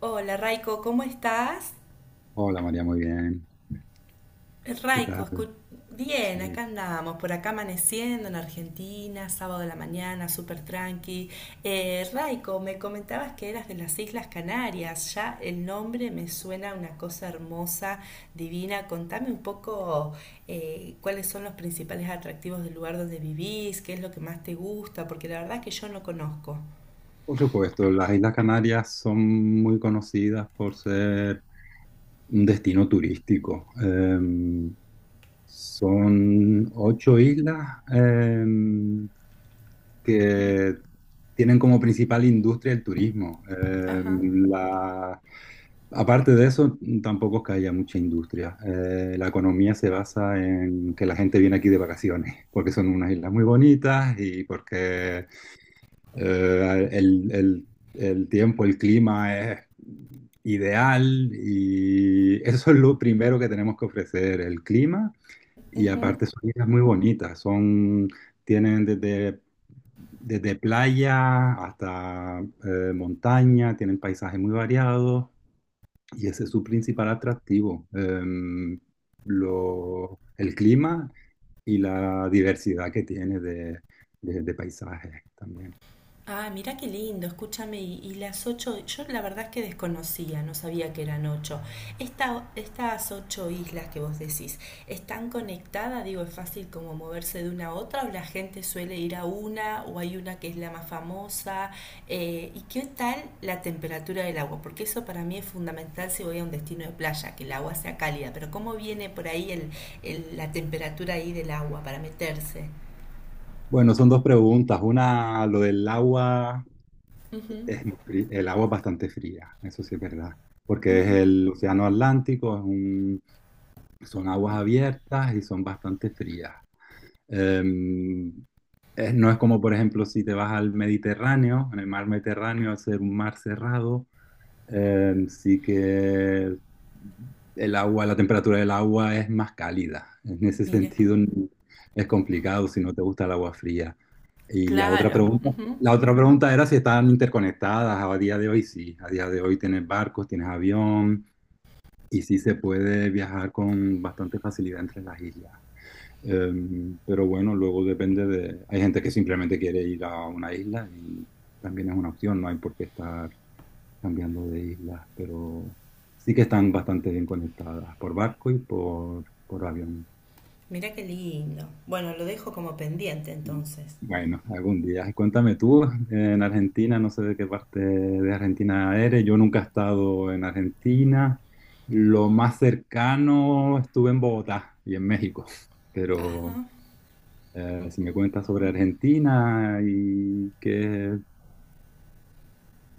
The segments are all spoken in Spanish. Hola Raiko, ¿cómo estás? Hola María, muy bien. ¿Qué Raiko, tal? escu- Bien, Sí. acá andamos, por acá amaneciendo en Argentina, sábado de la mañana, súper tranqui. Raiko, me comentabas que eras de las Islas Canarias, ya el nombre me suena a una cosa hermosa, divina. Contame un poco cuáles son los principales atractivos del lugar donde vivís, qué es lo que más te gusta, porque la verdad es que yo no conozco. Por supuesto, las Islas Canarias son muy conocidas por ser un destino turístico. Son ocho islas que tienen como principal industria el turismo. Ajá. Aparte de eso, tampoco es que haya mucha industria. La economía se basa en que la gente viene aquí de vacaciones, porque son unas islas muy bonitas y porque eh, el, el- el tiempo, el clima es ideal y eso es lo primero que tenemos que ofrecer, el clima. Y aparte son islas muy bonitas, son tienen desde playa hasta montaña, tienen paisajes muy variados y ese es su principal atractivo. El clima y la diversidad que tiene de paisajes también. Ah, mirá qué lindo, escúchame, y las ocho, yo la verdad es que desconocía, no sabía que eran ocho. Estas ocho islas que vos decís, ¿están conectadas? Digo, ¿es fácil como moverse de una a otra o la gente suele ir a una o hay una que es la más famosa? ¿Y qué tal la temperatura del agua? Porque eso para mí es fundamental si voy a un destino de playa, que el agua sea cálida, pero ¿cómo viene por ahí la temperatura ahí del agua para meterse? Bueno, son dos preguntas. Una, lo del agua, Ujú. es muy el agua es bastante fría, eso sí es verdad, porque es el océano Atlántico, son aguas abiertas y son bastante frías. Em, no es como, por ejemplo, si te vas al Mediterráneo, en el mar Mediterráneo, al ser un mar cerrado, sí que el agua, la temperatura del agua es más cálida. En ese Mira, sentido es complicado si no te gusta el agua fría. Y claro. La otra pregunta era si están interconectadas. A día de hoy sí, a día de hoy tienes barcos, tienes avión y sí se puede viajar con bastante facilidad entre las islas. Eh, pero bueno, luego depende de. Hay gente que simplemente quiere ir a una isla y también es una opción, no hay por qué estar cambiando de islas, pero sí que están bastante bien conectadas por barco y por avión. Mirá qué lindo. Bueno, lo dejo como pendiente entonces. Bueno, algún día. Cuéntame tú, en Argentina, no sé de qué parte de Argentina eres, yo nunca he estado en Argentina. Lo más cercano estuve en Bogotá y en México, Ajá. pero si me Ujú. cuentas sobre Argentina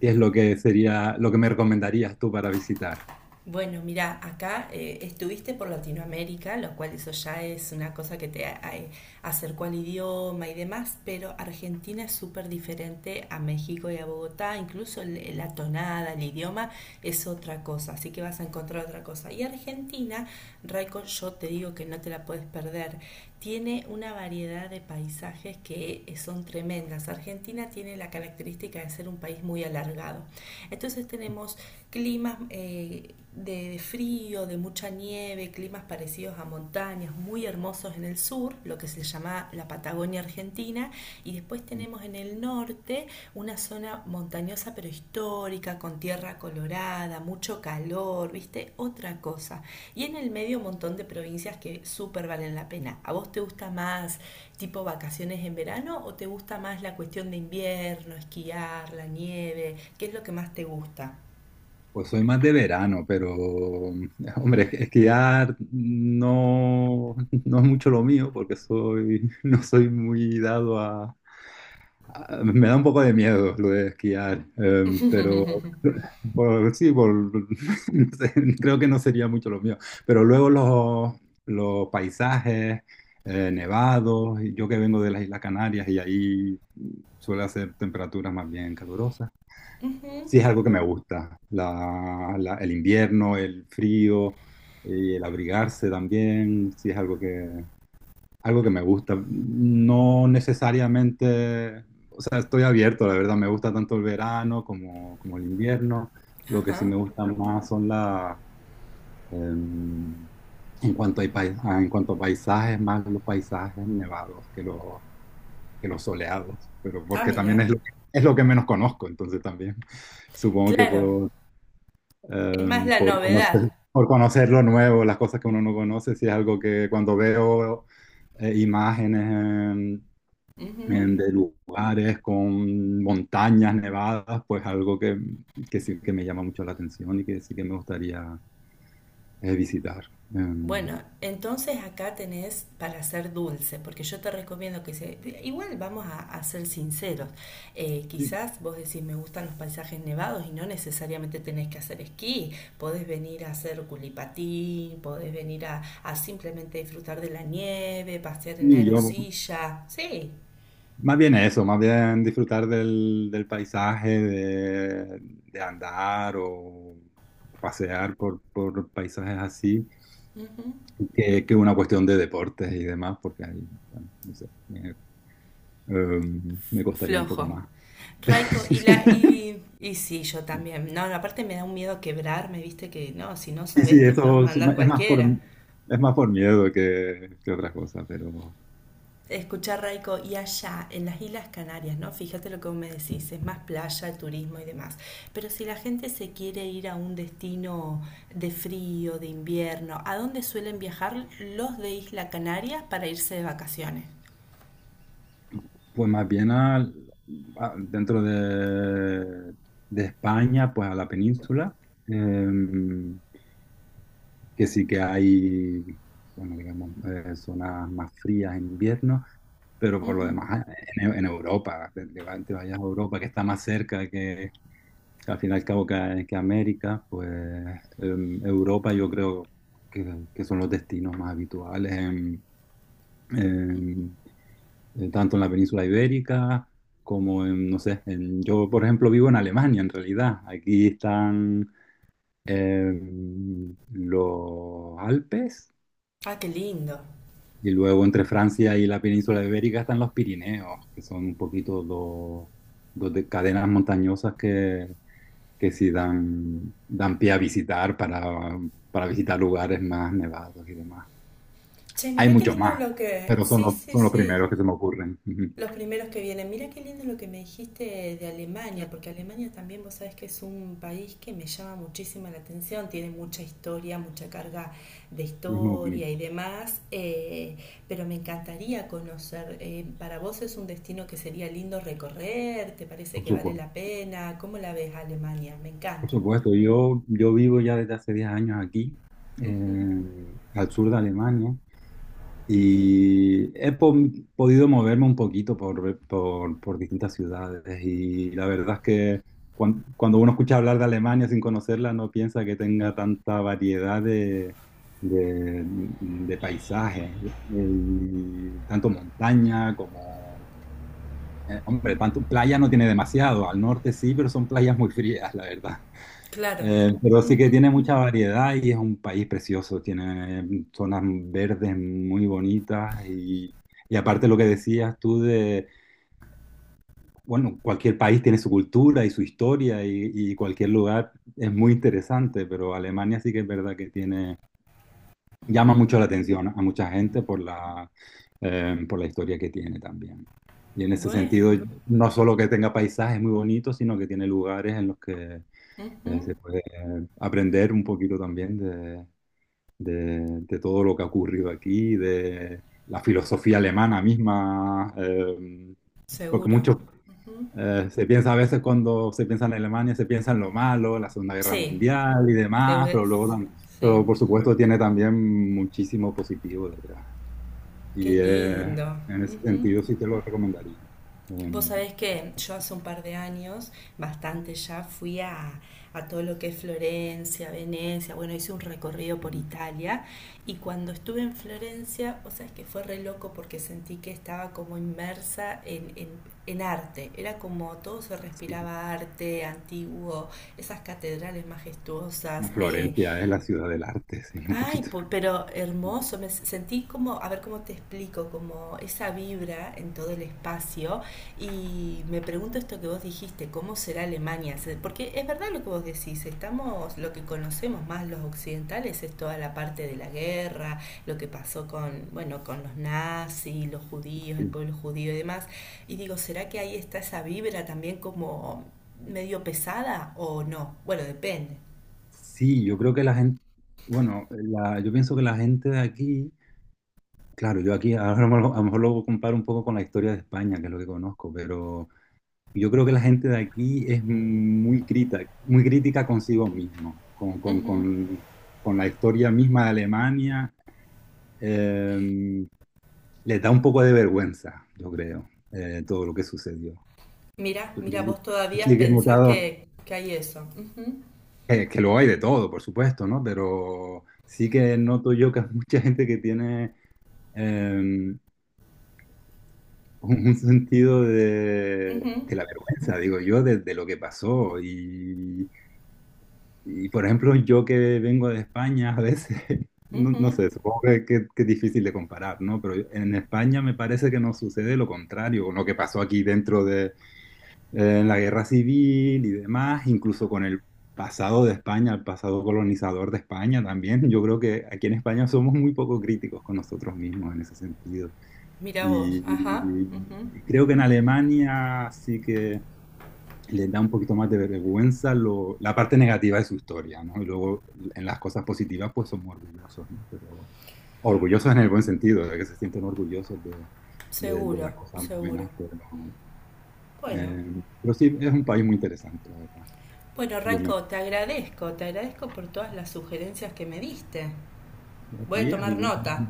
qué es lo que sería, lo que me recomendarías tú para visitar. Bueno, mira, acá estuviste por Latinoamérica, lo cual eso ya es una cosa que te acercó al idioma y demás, pero Argentina es súper diferente a México y a Bogotá, incluso la tonada, el idioma es otra cosa, así que vas a encontrar otra cosa. Y Argentina, Raico, yo te digo que no te la puedes perder, tiene una variedad de paisajes que son tremendas. Argentina tiene la característica de ser un país muy alargado. Entonces tenemos climas de frío, de mucha nieve, climas parecidos a montañas, muy hermosos en el sur, lo que se llama la Patagonia Argentina, y después tenemos en el norte una zona montañosa pero histórica, con tierra colorada, mucho calor, viste, otra cosa. Y en el medio un montón de provincias que súper valen la pena. ¿A vos te gusta más tipo vacaciones en verano o te gusta más la cuestión de invierno, esquiar, la nieve? ¿Qué es lo que más te gusta? Pues soy más de verano, pero hombre, es que ya no, no es mucho lo mío porque soy, no soy muy dado me da un poco de miedo lo de esquiar, pero Ujú. por- sí, por- no sé, creo que no sería mucho lo mío. Pero luego los paisajes nevados, y yo que vengo de las Islas Canarias y ahí suele hacer temperaturas más bien calurosas. Sí, es algo que me gusta. El invierno, el frío, y el abrigarse también, sí es algo algo que me gusta. No necesariamente, o sea, estoy abierto, la verdad, me gusta tanto el verano como el invierno. Lo que sí Ajá. me gusta más em, en cuanto en cuanto a paisajes, más los paisajes nevados que que los soleados, pero Ah, porque también mira. Es lo que menos conozco, entonces también. Supongo que Claro, puedo es más la por novedad. por conocer lo nuevo, las cosas que uno no conoce, si es algo que cuando veo imágenes Ujú. De lugares con montañas nevadas, pues algo que sí que me llama mucho la atención y que sí que me gustaría visitar. Em, Bueno, entonces acá tenés para hacer dulce, porque yo te recomiendo que se... Igual vamos a ser sinceros. Y, Quizás vos decís, me gustan los paisajes nevados y no necesariamente tenés que hacer esquí. Podés venir a hacer culipatín, podés venir a simplemente disfrutar de la nieve, pasear en y yo, aerosilla. Sí. más bien eso, más bien disfrutar del paisaje, de andar o pasear por paisajes así, Ujú. que una cuestión de deportes y demás, porque ahí, bueno, no sé, me costaría un poco Flojo. más. Raiko, y la, y, y sí, yo también. No, no, aparte me da un miedo quebrarme, viste, que no, si no Y sabes sí, te puedes eso mandar cualquiera. es más por miedo que otra cosa, pero Escuchar Raiko, y allá, en las Islas Canarias, ¿no? Fíjate lo que vos me decís, es más playa, turismo y demás. Pero si la gente se quiere ir a un destino de frío, de invierno, ¿a dónde suelen viajar los de Isla Canarias para irse de vacaciones? pues más bien dentro de España, pues a la península. Eh, que sí que hay, bueno, digamos, zonas más frías en invierno, pero por lo demás, en Europa, te vayas a Europa, que está más cerca que al fin y al cabo que América, pues Europa yo creo que son los destinos más habituales en- tanto en la península ibérica como, no sé, yo por ejemplo vivo en Alemania en realidad. Aquí están los Alpes Ah, qué lindo. y luego entre Francia y la península ibérica están los Pirineos, que son un poquito dos cadenas montañosas que sí dan pie a visitar para visitar lugares más nevados y demás. Che, Hay mirá qué muchos lindo más, lo que... pero son Sí, los, sí, son los sí. primeros que se me ocurren. Ujú. Los primeros que vienen. Mira qué lindo lo que me dijiste de Alemania, porque Alemania también vos sabés que es un país que me llama muchísima la atención, tiene mucha historia, mucha carga de Y es muy historia y bonito, demás, pero me encantaría conocer. ¿Para vos es un destino que sería lindo recorrer? ¿Te parece por que vale supuesto. la pena? ¿Cómo la ves a Alemania? Me Por encanta. supuesto, yo vivo ya desde hace 10 años aquí, Ujú. Al sur de Alemania, y he podido moverme un poquito por distintas ciudades y la verdad es que cuando uno escucha hablar de Alemania sin conocerla no piensa que tenga tanta variedad de paisajes, y tanto montaña como hombre, tanto, playa no tiene demasiado, al norte sí, pero son playas muy frías, la verdad. Claro, Pero sí que tiene mucha variedad y es un país precioso, tiene zonas verdes muy bonitas y aparte lo que decías tú de, bueno, cualquier país tiene su cultura y su historia y cualquier lugar es muy interesante, pero Alemania sí que es verdad que tiene llama mucho la atención a mucha gente por la historia que tiene también. Y en ese bueno, sentido, no solo que tenga paisajes muy bonitos, sino que tiene lugares en los que se ujú, puede aprender un poquito también de todo lo que ha ocurrido aquí, de la filosofía alemana misma, porque seguro. muchos Ujú. Se piensa a veces cuando se piensa en Alemania, se piensa en lo malo, en la Segunda Guerra Sí, Mundial y te demás, voy- pero luego sí. pero por supuesto tiene también muchísimo positivo detrás. Qué Y lindo. en ese Ujú. sentido sí te lo recomendaría. Vos Em, sabés que yo hace un par de años, bastante ya, a todo lo que es Florencia, Venecia, bueno, hice un recorrido por em, Italia y cuando estuve en Florencia, vos sabés que fue re loco porque sentí que estaba como inmersa en arte, era como todo se sí. respiraba arte antiguo, esas catedrales majestuosas, eh. Florencia es la ciudad del arte, sí, un Ay, poquito. Pero hermoso, sentí como, a ver cómo te explico, como esa vibra en todo el espacio y me pregunto esto que vos dijiste, ¿cómo será Alemania? Porque es verdad lo que vos decís, estamos, lo que conocemos más los occidentales es toda la parte de la guerra, lo que pasó con, bueno, con los nazis, los judíos, el Sí. pueblo judío y demás, y digo, ¿será que ahí está esa vibra también como medio pesada o no? Bueno, depende. Sí, yo creo que la gente, bueno, yo pienso que la gente de aquí, claro, yo aquí ahora a lo mejor lo comparo un poco con la historia de España, que es lo que conozco, pero yo creo que la gente de aquí es muy crítica consigo mismo, con la historia misma de Alemania, eh, les da un poco de vergüenza, yo creo, todo lo que sucedió. Mira, Yo, yo mira, sí vos todavía sí que he pensás notado, que hay eso. Ujú, que lo hay de todo, por supuesto, ¿no? Pero sí que noto yo que hay mucha gente que tiene eh, un un sentido ujú, de la vergüenza, digo yo, de lo que pasó. Y, por ejemplo, yo que vengo de España a veces, no, ujú. no sé, supongo que es difícil de comparar, ¿no? Pero en España me parece que nos sucede lo contrario, con lo que pasó aquí dentro en la guerra civil y demás, incluso con el pasado de España, el pasado colonizador de España también. Yo creo que aquí en España somos muy poco críticos con nosotros mismos en ese sentido. Mira vos, Y, ajá, ujú. y creo que en Alemania sí que le da un poquito más de vergüenza la parte negativa de su historia, ¿no? Y luego en las cosas positivas pues somos orgullosos, ¿no? Pero orgullosos en el buen sentido, de que se sienten orgullosos de Seguro, las cosas seguro. buenas, Bueno, pero sí, es un país muy interesante, la verdad. bueno, Yo me, Raiko, te agradezco por todas las sugerencias que me diste. ¿a Voy a ti tomar algún- nota.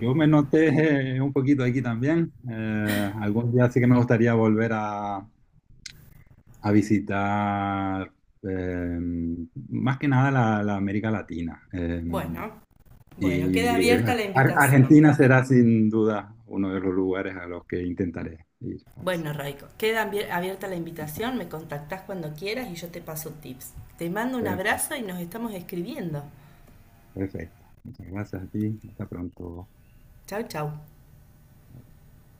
Yo me noté un poquito aquí también. Algún día sí que me gustaría volver a visitar eh, más que nada la América Latina. Bueno, bueno, queda y eh, abierta la invitación. Argentina será sin duda uno de los lugares a los que intentaré ir a Bueno, visitar. Raiko, queda abierta la Bueno, invitación, me contactás cuando quieras y yo te paso tips. Te mando un Per- abrazo y nos estamos escribiendo. perfecto. Muchas gracias a ti. Hasta pronto. Chau, chau.